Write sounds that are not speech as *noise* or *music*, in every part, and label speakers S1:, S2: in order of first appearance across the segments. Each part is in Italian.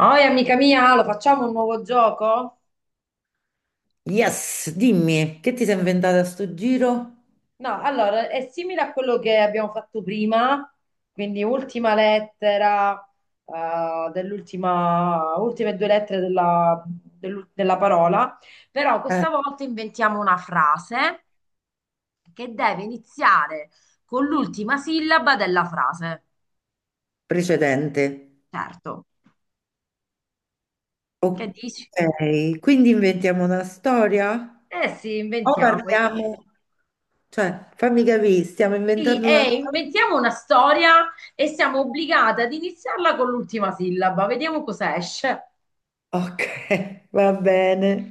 S1: Oi, amica mia, lo facciamo un nuovo gioco?
S2: Yes, dimmi, che ti sei inventata a sto giro?
S1: No, allora è simile a quello che abbiamo fatto prima, quindi ultima lettera, dell'ultima, ultime due lettere della, della parola, però
S2: Eh,
S1: questa volta inventiamo una frase che deve iniziare con l'ultima sillaba della frase.
S2: Precedente.
S1: Certo, che dici?
S2: Ok, quindi inventiamo una storia?
S1: Eh sì,
S2: O
S1: inventiamo.
S2: parliamo? Cioè, fammi capire, stiamo
S1: Sì,
S2: inventando una
S1: e
S2: storia?
S1: inventiamo una storia e siamo obbligate ad iniziarla con l'ultima sillaba. Vediamo cosa esce.
S2: Ok, *laughs* va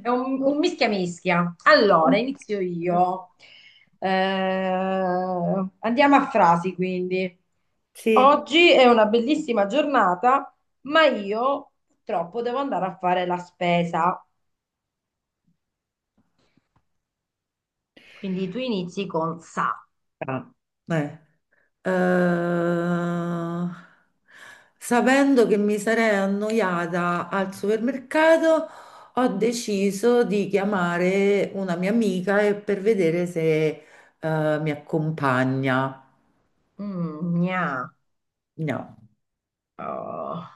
S1: È un, un mischia mischia. Allora, inizio io. Eh, andiamo a frasi, quindi.
S2: Sì.
S1: Oggi è una bellissima giornata, ma io purtroppo devo andare a fare la spesa. Quindi tu inizi con sa.
S2: Ah, eh. eh, Sapendo che mi sarei annoiata al supermercato, ho deciso di chiamare una mia amica per vedere se, mi accompagna.
S1: Mm, gna.
S2: No,
S1: Oh,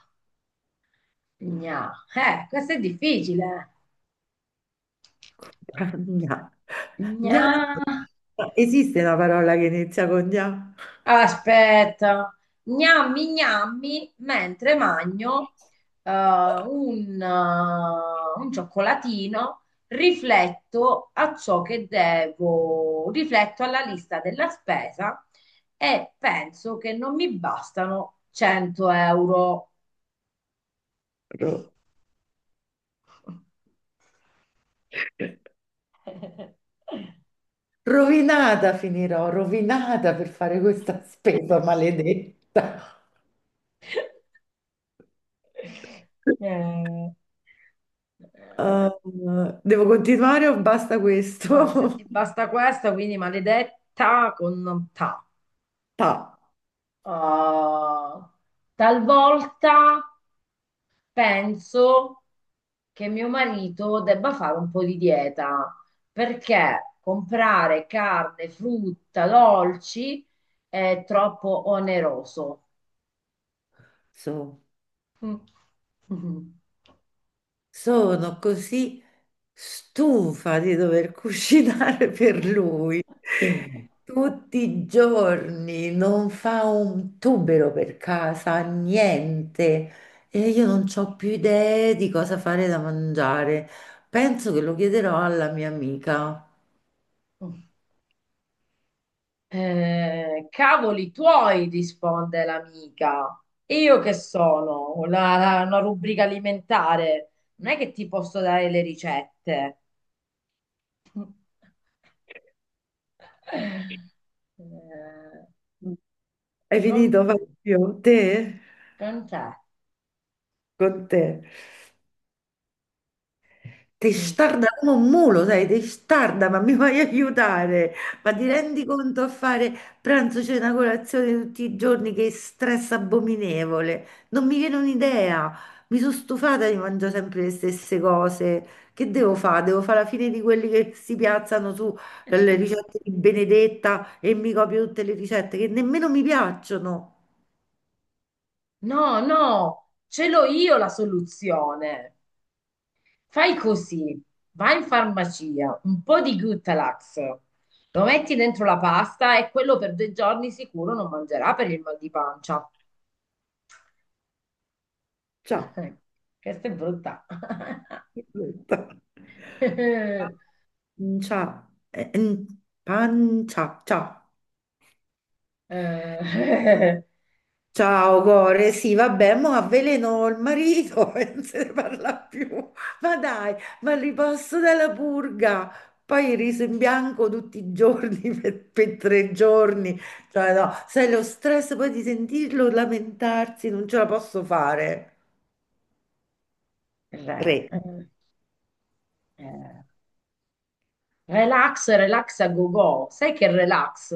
S1: gna. Questo è difficile.
S2: *laughs* compagna. Gna.
S1: Gna.
S2: Esiste una parola che inizia con gna?
S1: Aspetta, gnammi gnammi mentre magno un cioccolatino, rifletto a ciò che devo, rifletto alla lista della spesa e penso che non mi bastano 100 euro.
S2: Ro-
S1: *laughs*
S2: Rovinata finirò, rovinata per fare questa spesa maledetta.
S1: Eh, eh,
S2: Uh, Devo continuare o basta
S1: No, se
S2: questo?
S1: ti
S2: *laughs*
S1: basta questa, quindi maledetta con ta.
S2: Pa,
S1: Uh, talvolta penso che mio marito debba fare un po' di dieta perché comprare carne, frutta, dolci è troppo oneroso.
S2: so-
S1: Mm.
S2: Sono così stufa di dover cucinare *laughs* per lui.
S1: *laughs*
S2: Tutti i giorni non fa un tubero per casa, niente. E io non ho più idee di cosa fare da mangiare. Penso che lo chiederò alla mia amica.
S1: Cavoli tuoi, risponde l'amica. E io che sono? Una rubrica alimentare. Non è che ti posso dare le ricette. Eh,
S2: Hai
S1: Con,
S2: finito, Fabio? Te?
S1: con te.
S2: Con te?
S1: Mm.
S2: Testarda come un mulo, sai, testarda, ma mi vai a aiutare? Ma ti rendi conto a fare pranzo, cena, colazione tutti i giorni? Che stress abominevole! Non mi viene un'idea. Mi sono stufata di mangiare sempre le stesse cose. Che devo fare? Devo fare la fine di quelli che si piazzano sulle ricette di Benedetta e mi copio tutte le ricette che nemmeno mi piacciono.
S1: No, no, ce l'ho io la soluzione. Fai così, vai in farmacia, un po' di Gutalax, lo metti dentro la pasta e quello per due giorni sicuro non mangerà per il mal di pancia.
S2: Ciao.
S1: *laughs* Questa è brutta.
S2: Brutta.
S1: *laughs*
S2: Pancia, eh, mm, pancia, ciao.
S1: Eh, eh,
S2: Ciao, cuore, sì, vabbè, mo avveleno il marito *laughs* e non se ne parla più. Ma dai, ma riposto dalla purga. Poi il riso in bianco tutti i giorni *laughs* per 3 giorni. Cioè, no, sai, lo stress poi di sentirlo lamentarsi, non ce la posso fare.
S1: eh,
S2: Re,
S1: eh. Relax, relax a go-go. Sai che relax?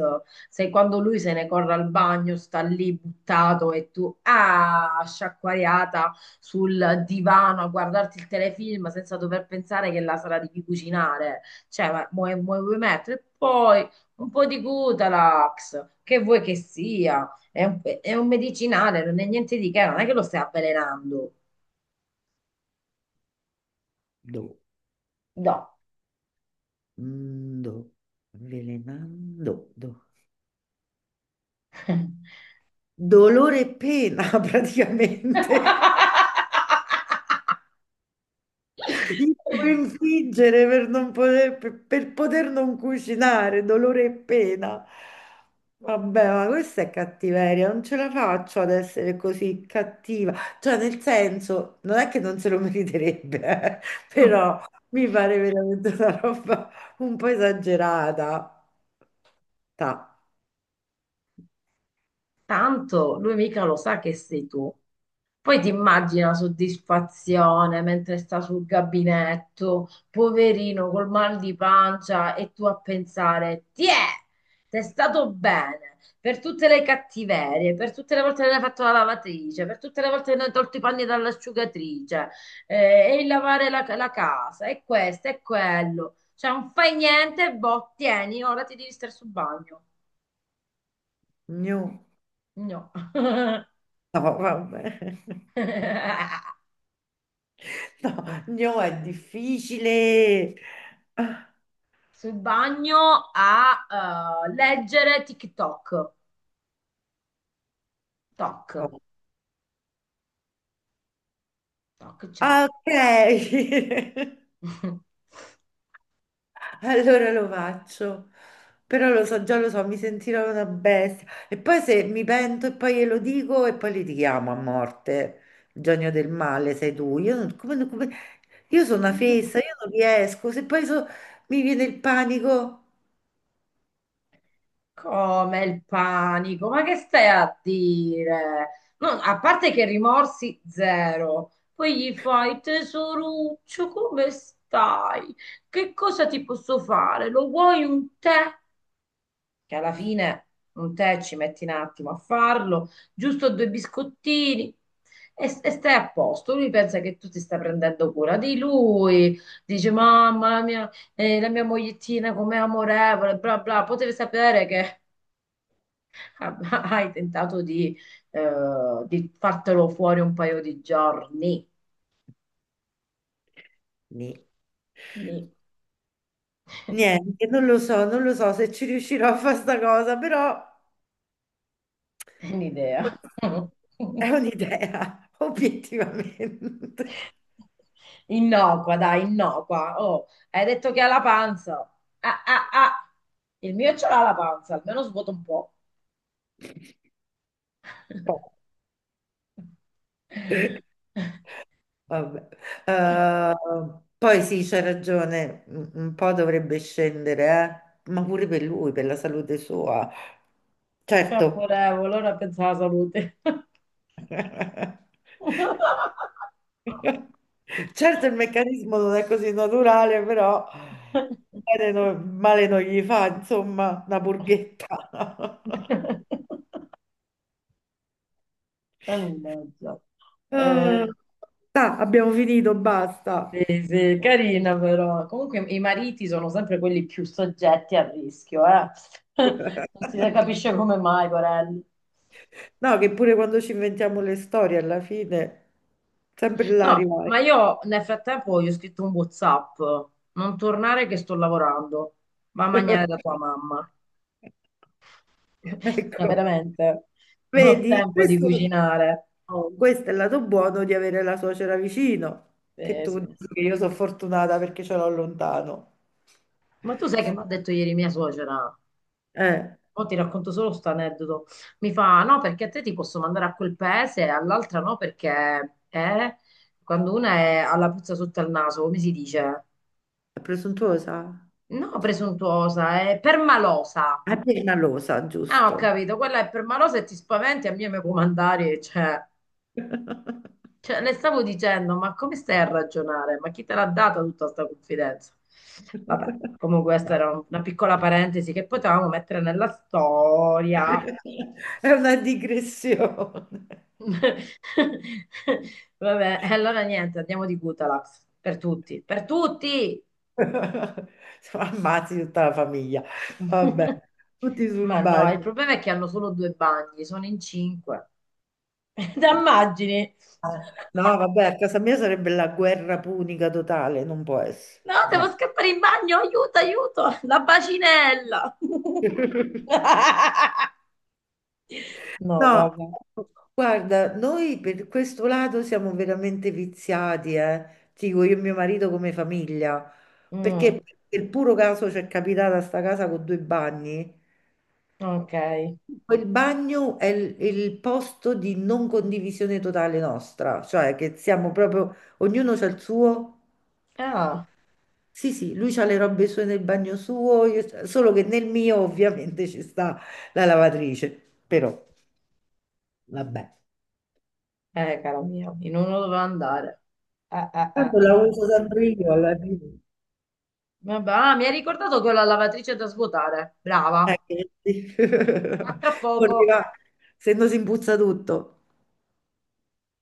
S1: Sai quando lui se ne corre al bagno, sta lì buttato e tu, ah, sciacquariata sul divano a guardarti il telefilm senza dover pensare che la sera devi cucinare. Cioè, ma vuoi mettere? E poi un po' di Gutalax, che vuoi che sia? È un medicinale, non è niente di che, non è che lo stai avvelenando.
S2: do,
S1: No.
S2: mm, do, avvelenando, do. Dolore e pena *laughs* praticamente.
S1: *laughs*
S2: Io devo infliggere per non poter, per poter non cucinare, dolore e pena. Vabbè, ma questa è cattiveria, non ce la faccio ad essere così cattiva. Cioè, nel senso, non è che non se lo meriterebbe, *laughs*
S1: Mm,
S2: però mi pare veramente una roba un po' esagerata. Ta.
S1: tanto lui mica lo sa che sei tu. Poi ti immagini la soddisfazione mentre sta sul gabinetto, poverino col mal di pancia e tu a pensare, ti è stato bene per tutte le cattiverie, per tutte le volte che hai fatto la lavatrice, per tutte le volte che ne hai tolto i panni dall'asciugatrice, e il lavare la casa, e questo, e quello. Cioè non fai niente, boh, tieni, ora ti devi stare sul bagno.
S2: Gnu.
S1: No. *laughs*
S2: No, vabbè.
S1: *laughs*
S2: No, no, è difficile. Ah,
S1: Sul bagno a leggere TikTok. Toc, toc, c'è.
S2: ah, ok. *laughs*
S1: *laughs*
S2: Allora lo faccio. Però lo so, già lo so, mi sentirò una bestia. E poi se mi pento e poi glielo dico e poi litighiamo a morte. Il genio del male sei tu. Io sono una fessa, io non riesco. Se poi mi viene il panico.
S1: Come il panico? Ma che stai a dire? No, a parte che rimorsi zero, poi gli fai tesoruccio, come stai? Che cosa ti posso fare? Lo vuoi un tè? Che alla fine un tè ci metti un attimo a farlo, giusto due biscottini e stai a posto. Lui pensa che tu ti stai prendendo cura di lui, dice mamma mia, la mia mogliettina com'è amorevole, bla bla, potevi sapere che *laughs* hai tentato di, eh, di fartelo fuori un paio di giorni.
S2: Ni-
S1: Quindi, *laughs*
S2: Niente, non lo so, non lo so se ci riuscirò a fare sta cosa, però.
S1: è un'idea.
S2: È
S1: *laughs*
S2: un'idea, *laughs* obiettivamente.
S1: Innocua, dai, innocua. Oh, hai detto che ha la panza. Ah, ah, ah. Il mio ce l'ha la panza, almeno svuota un po'.
S2: Po-
S1: *laughs*
S2: Vabbè. Eh, Poi sì, c'è ragione, un po' dovrebbe scendere, ma pure per lui, per la salute sua. Certo.
S1: Amorevole, ora pensa alla salute.
S2: *laughs*
S1: *laughs*
S2: Certo, il meccanismo non è così naturale, però bene no- male non gli fa, insomma, una burghetta.
S1: Mannaggia. Eh,
S2: *laughs* Ah, abbiamo finito, basta.
S1: sì, sì, carina però. Comunque i mariti sono sempre quelli più soggetti al rischio, eh. *laughs* Non si capisce come mai, Corelli.
S2: No, che pure quando ci inventiamo le storie, alla fine sempre là
S1: No,
S2: arrivai.
S1: ma io nel frattempo gli ho scritto un WhatsApp, non tornare che sto lavorando, va a mangiare da tua
S2: *laughs*
S1: mamma. *laughs* Ma
S2: Ecco,
S1: veramente, non ho
S2: vedi,
S1: tempo di
S2: questo,
S1: cucinare.
S2: oh, questo è il lato buono di avere la suocera vicino, che tu
S1: Sì.
S2: dici che io sono fortunata perché ce l'ho lontano.
S1: Ma tu sai che mi ha detto ieri mia suocera?
S2: Eh,
S1: Mo ti racconto solo sto aneddoto. Mi fa, no, perché a te ti posso mandare a quel paese e all'altra no, perché quando una è alla puzza sotto al naso, come si dice?
S2: è presuntuosa?
S1: No, presuntuosa, è permalosa.
S2: È permalosa,
S1: Ah, ho
S2: giusto.
S1: capito, quella è per malosa e ti spaventi a me mi puoi mandare, cioè,
S2: *laughs*
S1: cioè, le stavo dicendo, ma come stai a ragionare? Ma chi te l'ha data tutta questa confidenza? Vabbè, comunque questa era
S2: Vabbè.
S1: una piccola parentesi che potevamo mettere nella storia.
S2: *laughs* È una digressione.
S1: *laughs* Vabbè, e allora niente, andiamo di Gutalax, per tutti, per tutti!
S2: *laughs* Siamo Ammazzi tutta la famiglia. Vabbè,
S1: *laughs*
S2: tutti sul
S1: Ma no, il
S2: bagno.
S1: problema è che hanno solo due bagni, sono in cinque. *laughs* Te immagini?
S2: No, no, no, vabbè, a casa mia sarebbe la guerra punica totale, non può essere.
S1: No, devo
S2: No.
S1: scappare in bagno, aiuto, aiuto, la bacinella.
S2: *laughs*
S1: *laughs* No,
S2: No,
S1: vabbè.
S2: guarda, noi per questo lato siamo veramente viziati, eh. Ti dico io e mio marito come famiglia,
S1: Mm,
S2: perché per puro caso ci è capitata sta casa con due bagni.
S1: ok.
S2: Quel bagno è il posto di non condivisione totale nostra, cioè che siamo proprio, ognuno c'ha il suo.
S1: Ah,
S2: Sì, sì, lui c'ha le robe sue nel bagno suo, io solo che nel mio ovviamente ci sta la lavatrice, però vabbè.
S1: caro mio, in uno doveva andare. Eh, eh, eh.
S2: Tanto la uso sempre io alla fine.
S1: Vabbè, ah, mi hai ricordato che ho la lavatrice da svuotare. Brava.
S2: Che sì.
S1: A tra
S2: *laughs* Come
S1: poco.
S2: dirà, se no si impuzza tutto.